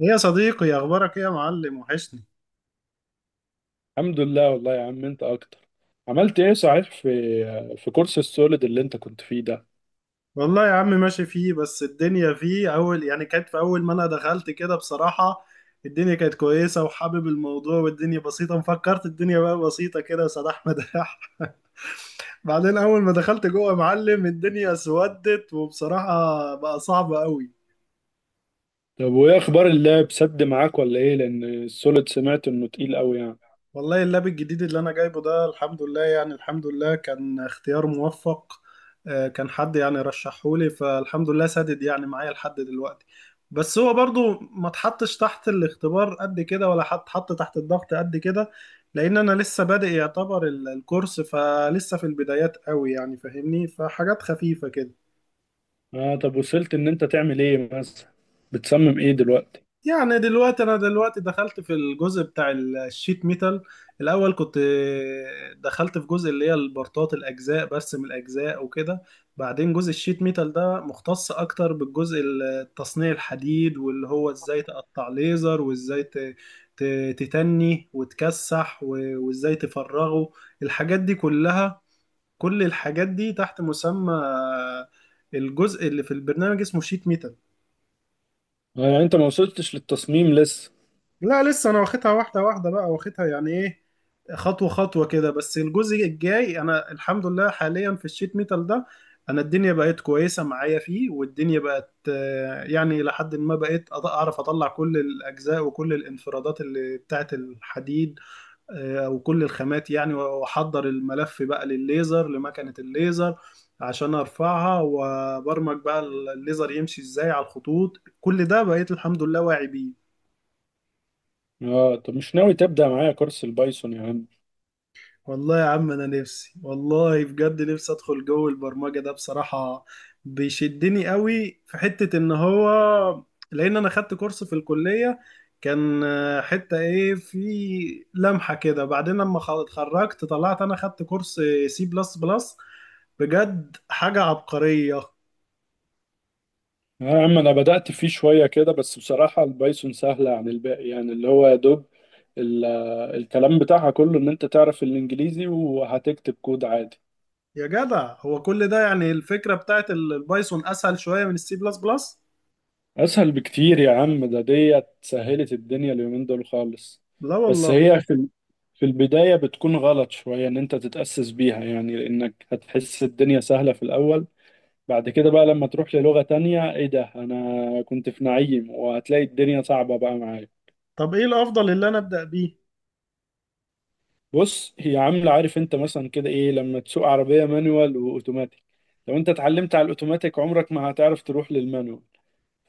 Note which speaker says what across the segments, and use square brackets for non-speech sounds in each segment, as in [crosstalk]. Speaker 1: ايه يا صديقي، اخبارك ايه يا معلم؟ وحشني.
Speaker 2: الحمد لله والله يا عم انت اكتر. عملت ايه صحيح في في كورس السوليد اللي انت كنت فيه ده؟
Speaker 1: والله يا عم ماشي فيه، بس الدنيا فيه اول، يعني كانت في اول ما انا دخلت كده بصراحة. الدنيا كانت كويسة وحابب الموضوع والدنيا بسيطة، مفكرت الدنيا بقى بسيطة كده سداح مداح. [laughs] بعدين اول ما دخلت جوه يا معلم الدنيا اسودت، وبصراحة بقى صعب قوي.
Speaker 2: طب وايه اخبار اللاب سد معاك ولا ايه؟ لان السوليد سمعت انه تقيل قوي يعني.
Speaker 1: والله اللاب الجديد اللي انا جايبه ده الحمد لله، يعني الحمد لله كان اختيار موفق. كان حد يعني رشحهولي، فالحمد لله سدد يعني معايا لحد دلوقتي. بس هو برضو ما اتحطش تحت الاختبار قد كده، ولا حط تحت الضغط قد كده. لان انا لسه بادئ يعتبر الكورس، فلسه في البدايات قوي، يعني فاهمني، فحاجات خفيفة كده.
Speaker 2: اه طب وصلت ان انت تعمل ايه مثلا؟ بتصمم ايه دلوقتي؟
Speaker 1: يعني دلوقتي، انا دلوقتي دخلت في الجزء بتاع الشيت ميتال. الاول كنت دخلت في جزء اللي هي البرطات، الاجزاء، برسم الاجزاء وكده. بعدين جزء الشيت ميتال ده مختص اكتر بالجزء التصنيع الحديد، واللي هو ازاي تقطع ليزر، وازاي تتني وتكسح، وازاي تفرغه. الحاجات دي كلها، كل الحاجات دي تحت مسمى الجزء اللي في البرنامج اسمه شيت ميتال.
Speaker 2: اه يعني انت ما وصلتش للتصميم لسه؟
Speaker 1: لا لسه انا واخدها واحده واحده بقى، واخدها يعني ايه، خطوه خطوه كده. بس الجزء الجاي انا الحمد لله حاليا في الشيت ميتال ده، انا الدنيا بقت كويسه معايا فيه، والدنيا بقت يعني لحد ما بقيت اعرف اطلع كل الاجزاء وكل الانفرادات اللي بتاعت الحديد، او كل الخامات، يعني واحضر الملف بقى للليزر، لمكنه الليزر، عشان ارفعها وبرمج بقى الليزر يمشي ازاي على الخطوط. كل ده بقيت الحمد لله واعي بيه.
Speaker 2: اه طب مش ناوي تبدأ معايا كورس البايثون يا عم؟
Speaker 1: والله يا عم انا نفسي، والله بجد نفسي ادخل جو البرمجه ده بصراحه. بيشدني قوي في حته ان هو، لان انا خدت كورس في الكليه، كان حته ايه، في لمحه كده. بعدين لما اتخرجت طلعت، انا خدت كورس سي بلس بلس، بجد حاجه عبقريه.
Speaker 2: اه يا عم انا بدأت فيه شوية كده، بس بصراحة البايثون سهلة عن الباقي، يعني اللي هو يا دوب ال- الكلام بتاعها كله ان انت تعرف الانجليزي وهتكتب كود عادي.
Speaker 1: يا جدع هو كل ده، يعني الفكره بتاعت البايثون اسهل شويه من السي بلس بلس.
Speaker 2: اسهل بكتير يا عم، ده ديت سهلت الدنيا اليومين دول خالص.
Speaker 1: لا
Speaker 2: بس
Speaker 1: والله.
Speaker 2: هي في في البداية بتكون غلط شوية ان انت تتأسس بيها، يعني لانك هتحس الدنيا سهلة في الاول. بعد كده بقى لما تروح للغة تانية ايه ده، انا كنت في نعيم، وهتلاقي الدنيا صعبة بقى معايا.
Speaker 1: طب ايه الافضل اللي انا ابدا بيه؟
Speaker 2: بص هي عاملة، عارف انت مثلا كده ايه لما تسوق عربية مانوال واوتوماتيك؟ لو انت اتعلمت على الاوتوماتيك عمرك ما هتعرف تروح للمانوال.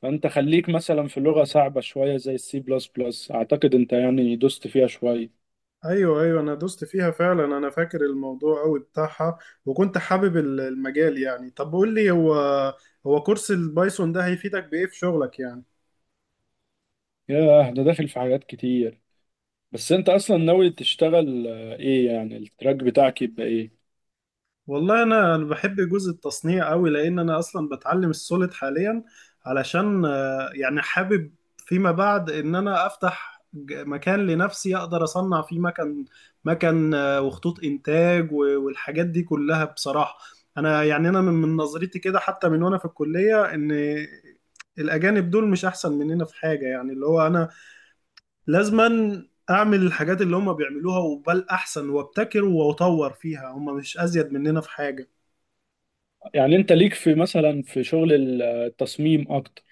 Speaker 2: فانت خليك مثلا في لغة صعبة شوية زي السي بلس بلس، اعتقد انت يعني دوست فيها شوية.
Speaker 1: ايوه ايوه، انا دوست فيها فعلا، انا فاكر الموضوع قوي بتاعها، وكنت حابب المجال يعني. طب قول لي، هو كورس البايثون ده هيفيدك بايه في شغلك يعني؟
Speaker 2: ياه، ده داخل في حاجات كتير. بس انت اصلا ناوي تشتغل ايه، يعني التراك بتاعك يبقى ايه؟
Speaker 1: والله انا بحب جزء التصنيع قوي، لان انا اصلا بتعلم السوليد حاليا علشان يعني حابب فيما بعد ان انا افتح مكان لنفسي اقدر اصنع فيه مكن، مكن وخطوط انتاج والحاجات دي كلها بصراحة. انا يعني انا من نظرتي كده، حتى من وانا في الكلية، ان الاجانب دول مش احسن مننا في حاجة، يعني اللي هو انا لازما اعمل الحاجات اللي هم بيعملوها وبل احسن، وابتكر واطور فيها، هم مش ازيد مننا في حاجة.
Speaker 2: يعني انت ليك في مثلا في شغل التصميم اكتر؟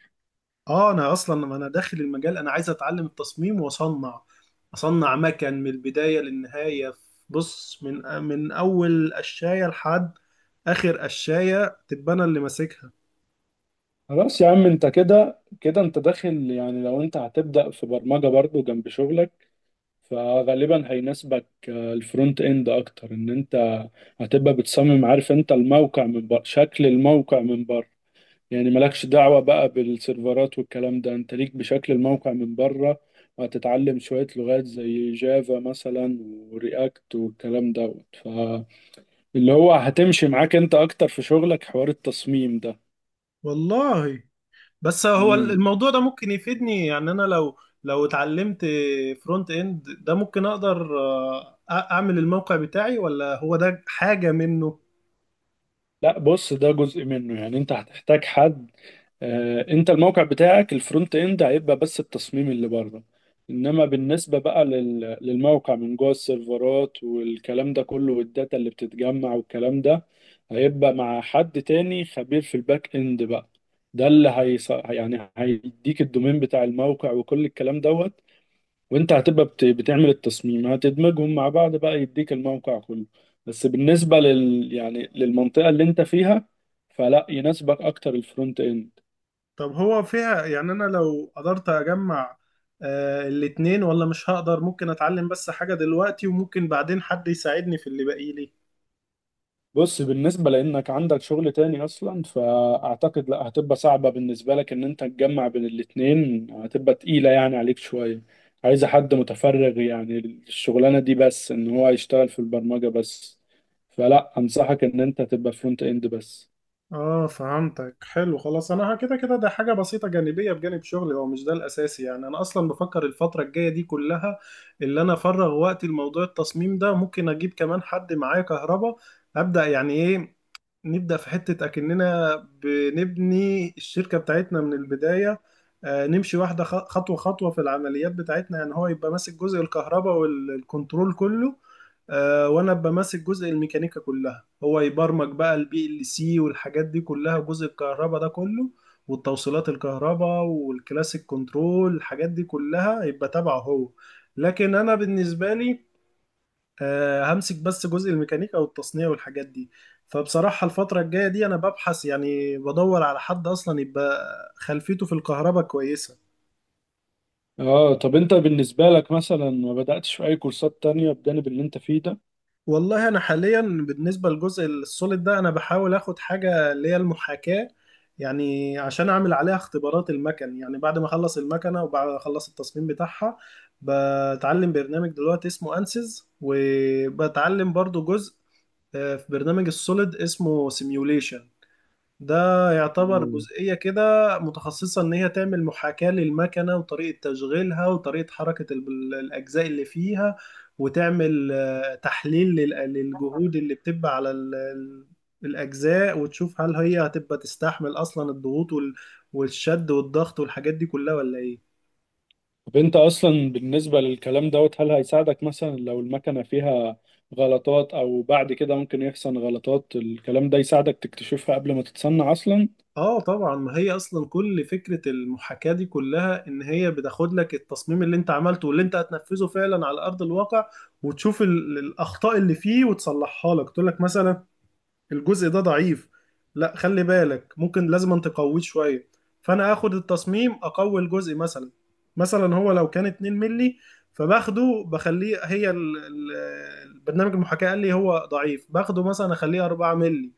Speaker 1: اه انا اصلا ما انا داخل المجال، انا عايز اتعلم التصميم واصنع، اصنع مكن من البدايه للنهايه. بص، من اول قشايه لحد اخر قشايه تبقى انا اللي ماسكها.
Speaker 2: خلاص يا عم انت كده كده انت داخل، يعني لو انت هتبدأ في برمجة برضو جنب شغلك فغالبا هيناسبك الفرونت اند اكتر، ان انت هتبقى بتصمم، عارف انت الموقع من بره، شكل الموقع من بره. يعني مالكش دعوة بقى بالسيرفرات والكلام ده، انت ليك بشكل الموقع من بره. وهتتعلم شوية لغات زي جافا مثلا ورياكت والكلام دوت، فاللي هو هتمشي معاك انت اكتر في شغلك حوار التصميم ده.
Speaker 1: والله بس هو
Speaker 2: مم.
Speaker 1: الموضوع ده ممكن يفيدني يعني، انا لو اتعلمت فرونت اند ده ممكن اقدر اعمل الموقع بتاعي، ولا هو ده حاجه منه؟
Speaker 2: لا بص، ده جزء منه يعني، انت هتحتاج حد. انت الموقع بتاعك الفرونت اند هيبقى بس التصميم اللي بره، انما بالنسبه بقى للموقع من جوه، السيرفرات والكلام ده كله والداتا اللي بتتجمع والكلام ده هيبقى مع حد تاني خبير في الباك اند بقى. ده اللي يعني هيديك الدومين بتاع الموقع وكل الكلام دوت، وانت هتبقى بتعمل التصميم، هتدمجهم مع بعض بقى يديك الموقع كله. بس بالنسبة لل يعني للمنطقة اللي انت فيها فلا يناسبك اكتر الفرونت اند.
Speaker 1: طب هو فيها، يعني انا لو قدرت اجمع الاتنين، ولا مش هقدر؟ ممكن اتعلم بس حاجة دلوقتي، وممكن بعدين حد يساعدني في اللي باقي لي.
Speaker 2: بص بالنسبة لانك عندك شغل تاني اصلا، فاعتقد لا، هتبقى صعبة بالنسبة لك ان انت تجمع بين الاتنين، هتبقى تقيلة يعني عليك شوية. عايزة حد متفرغ يعني الشغلانة دي، بس ان هو يشتغل في البرمجة بس. فلا انصحك ان انت تبقى فرونت اند بس.
Speaker 1: اه فهمتك، حلو. خلاص، انا كده كده ده حاجة بسيطة جانبية بجانب شغلي، هو مش ده الاساسي يعني. انا اصلا بفكر الفترة الجاية دي كلها اللي انا افرغ وقتي لموضوع التصميم ده، ممكن اجيب كمان حد معايا كهربا، ابدا يعني ايه، نبدأ في حتة أكننا بنبني الشركة بتاعتنا من البداية. نمشي واحدة خطوة خطوة في العمليات بتاعتنا، يعني هو يبقى ماسك جزء الكهرباء والكنترول كله، وأنا أبقى ماسك جزء الميكانيكا كلها. هو يبرمج بقى البي ال سي والحاجات دي كلها، جزء الكهرباء ده كله، والتوصيلات الكهرباء والكلاسيك كنترول، الحاجات دي كلها يبقى تبعه هو. لكن أنا بالنسبة لي همسك بس جزء الميكانيكا والتصنيع والحاجات دي. فبصراحة الفترة الجاية دي أنا ببحث، يعني بدور على حد أصلا يبقى خلفيته في الكهرباء كويسة.
Speaker 2: اه طب انت بالنسبة لك مثلا ما بدأتش في اي كورسات تانية بجانب اللي انت فيه ده؟
Speaker 1: والله أنا حاليا بالنسبة للجزء السوليد ده أنا بحاول أخد حاجة اللي هي المحاكاة، يعني عشان أعمل عليها اختبارات المكن، يعني بعد ما أخلص المكنة وبعد ما أخلص التصميم بتاعها. بتعلم برنامج دلوقتي اسمه أنسيز، وبتعلم برضو جزء في برنامج السوليد اسمه سيميوليشن. ده يعتبر
Speaker 2: مم.
Speaker 1: جزئية كده متخصصة إن هي تعمل محاكاة للمكنة، وطريقة تشغيلها، وطريقة حركة الأجزاء اللي فيها، وتعمل تحليل للجهود اللي بتبقى على الأجزاء، وتشوف هل هي هتبقى تستحمل أصلا الضغوط والشد والضغط والحاجات دي كلها ولا إيه.
Speaker 2: طب انت اصلا بالنسبة للكلام دوت، هل هيساعدك مثلا لو المكنة فيها غلطات، او بعد كده ممكن يحصل غلطات، الكلام ده يساعدك تكتشفها قبل ما تتصنع اصلا؟
Speaker 1: اه طبعا، ما هي اصلا كل فكرة المحاكاة دي كلها ان هي بتاخد لك التصميم اللي انت عملته واللي انت هتنفذه فعلا على ارض الواقع، وتشوف الاخطاء اللي فيه وتصلحها لك، تقول لك مثلا الجزء ده ضعيف، لا خلي بالك، ممكن لازم أن تقويه شويه. فانا اخد التصميم اقوي الجزء مثلا هو لو كان 2 ملي، فباخده بخليه، هي البرنامج المحاكاة قال لي هو ضعيف، باخده مثلا اخليه 4 ملي،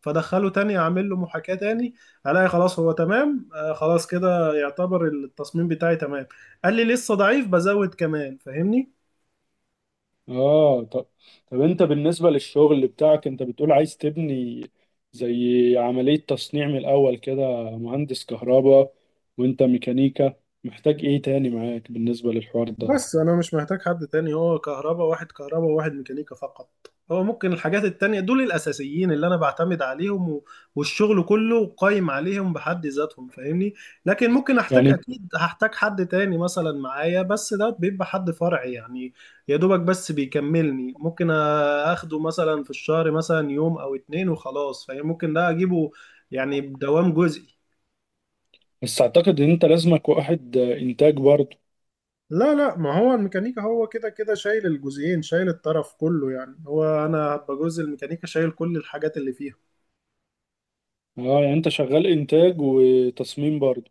Speaker 1: فدخله تاني اعمل له محاكاة تاني. الاقي خلاص هو تمام، خلاص كده يعتبر التصميم بتاعي تمام. قال لي لسه ضعيف، بزود كمان، فاهمني.
Speaker 2: اه طب. طب انت بالنسبة للشغل بتاعك انت بتقول عايز تبني زي عملية تصنيع من الاول كده، مهندس كهرباء وانت ميكانيكا، محتاج ايه تاني معاك بالنسبة للحوار ده؟
Speaker 1: بس انا مش محتاج حد تاني، هو كهرباء، واحد كهرباء وواحد ميكانيكا فقط، هو ممكن الحاجات التانية، دول الاساسيين اللي انا بعتمد عليهم والشغل كله قايم عليهم بحد ذاتهم فاهمني. لكن ممكن احتاج،
Speaker 2: يعني
Speaker 1: اكيد هحتاج حد تاني مثلا معايا، بس ده بيبقى حد فرعي يعني، يا دوبك بس بيكملني، ممكن اخده مثلا في الشهر مثلا يوم او اتنين وخلاص، فممكن ده اجيبه يعني بدوام جزئي.
Speaker 2: بس اعتقد ان انت لازمك واحد انتاج برضه.
Speaker 1: لا لا، ما هو الميكانيكا هو كده كده شايل الجزئين، شايل الطرف كله يعني، هو انا هبقى جزء الميكانيكا شايل كل الحاجات اللي فيها.
Speaker 2: اه يعني انت شغال انتاج وتصميم برضه؟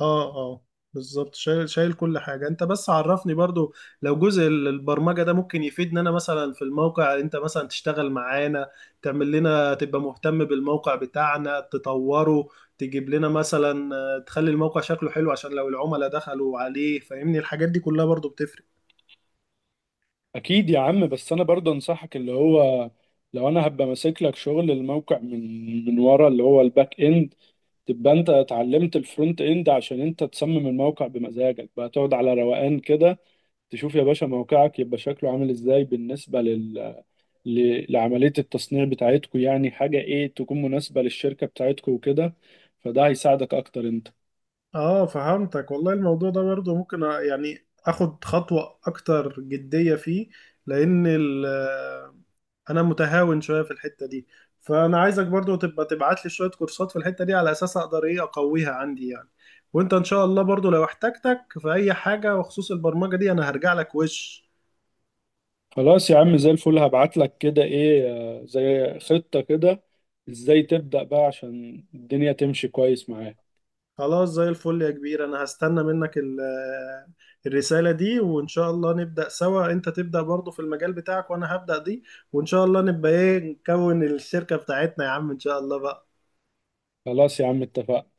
Speaker 1: اه اه، بالظبط، شايل شايل كل حاجة. انت بس عرفني برضو، لو جزء البرمجة ده ممكن يفيدنا، انا مثلا في الموقع، انت مثلا تشتغل معانا، تعمل لنا، تبقى مهتم بالموقع بتاعنا تطوره، تجيب لنا مثلا تخلي الموقع شكله حلو، عشان لو العملاء دخلوا عليه فاهمني الحاجات دي كلها برضو بتفرق.
Speaker 2: اكيد يا عم، بس انا برضه انصحك، اللي هو لو انا هبقى ماسك لك شغل الموقع من ورا، اللي هو الباك اند، تبقى انت اتعلمت الفرونت اند عشان انت تصمم الموقع بمزاجك بقى، تقعد على روقان كده، تشوف يا باشا موقعك يبقى شكله عامل ازاي بالنسبة لل... ل... لعملية التصنيع بتاعتكو، يعني حاجة ايه تكون مناسبة للشركة بتاعتكو وكده. فده هيساعدك اكتر انت.
Speaker 1: اه فهمتك. والله الموضوع ده برضه ممكن يعني اخد خطوة اكتر جدية فيه، لان انا متهاون شوية في الحتة دي، فانا عايزك برضه تبقى تبعت لي شوية كورسات في الحتة دي على اساس اقدر ايه اقويها عندي يعني. وانت ان شاء الله برضه لو احتجتك في اي حاجة بخصوص البرمجة دي انا هرجع لك وش.
Speaker 2: خلاص يا عم زي الفل، هبعت لك كده ايه زي خطة كده، ازاي تبدأ بقى عشان الدنيا تمشي كويس معاك.
Speaker 1: خلاص زي الفل يا كبير، انا هستنى منك الرسالة دي، وان شاء الله نبدأ سوا، انت تبدأ برضو في المجال بتاعك وانا هبدأ دي، وان شاء الله نبقى ايه، نكون الشركة بتاعتنا يا عم ان شاء الله بقى.
Speaker 2: خلاص يا عم اتفقنا.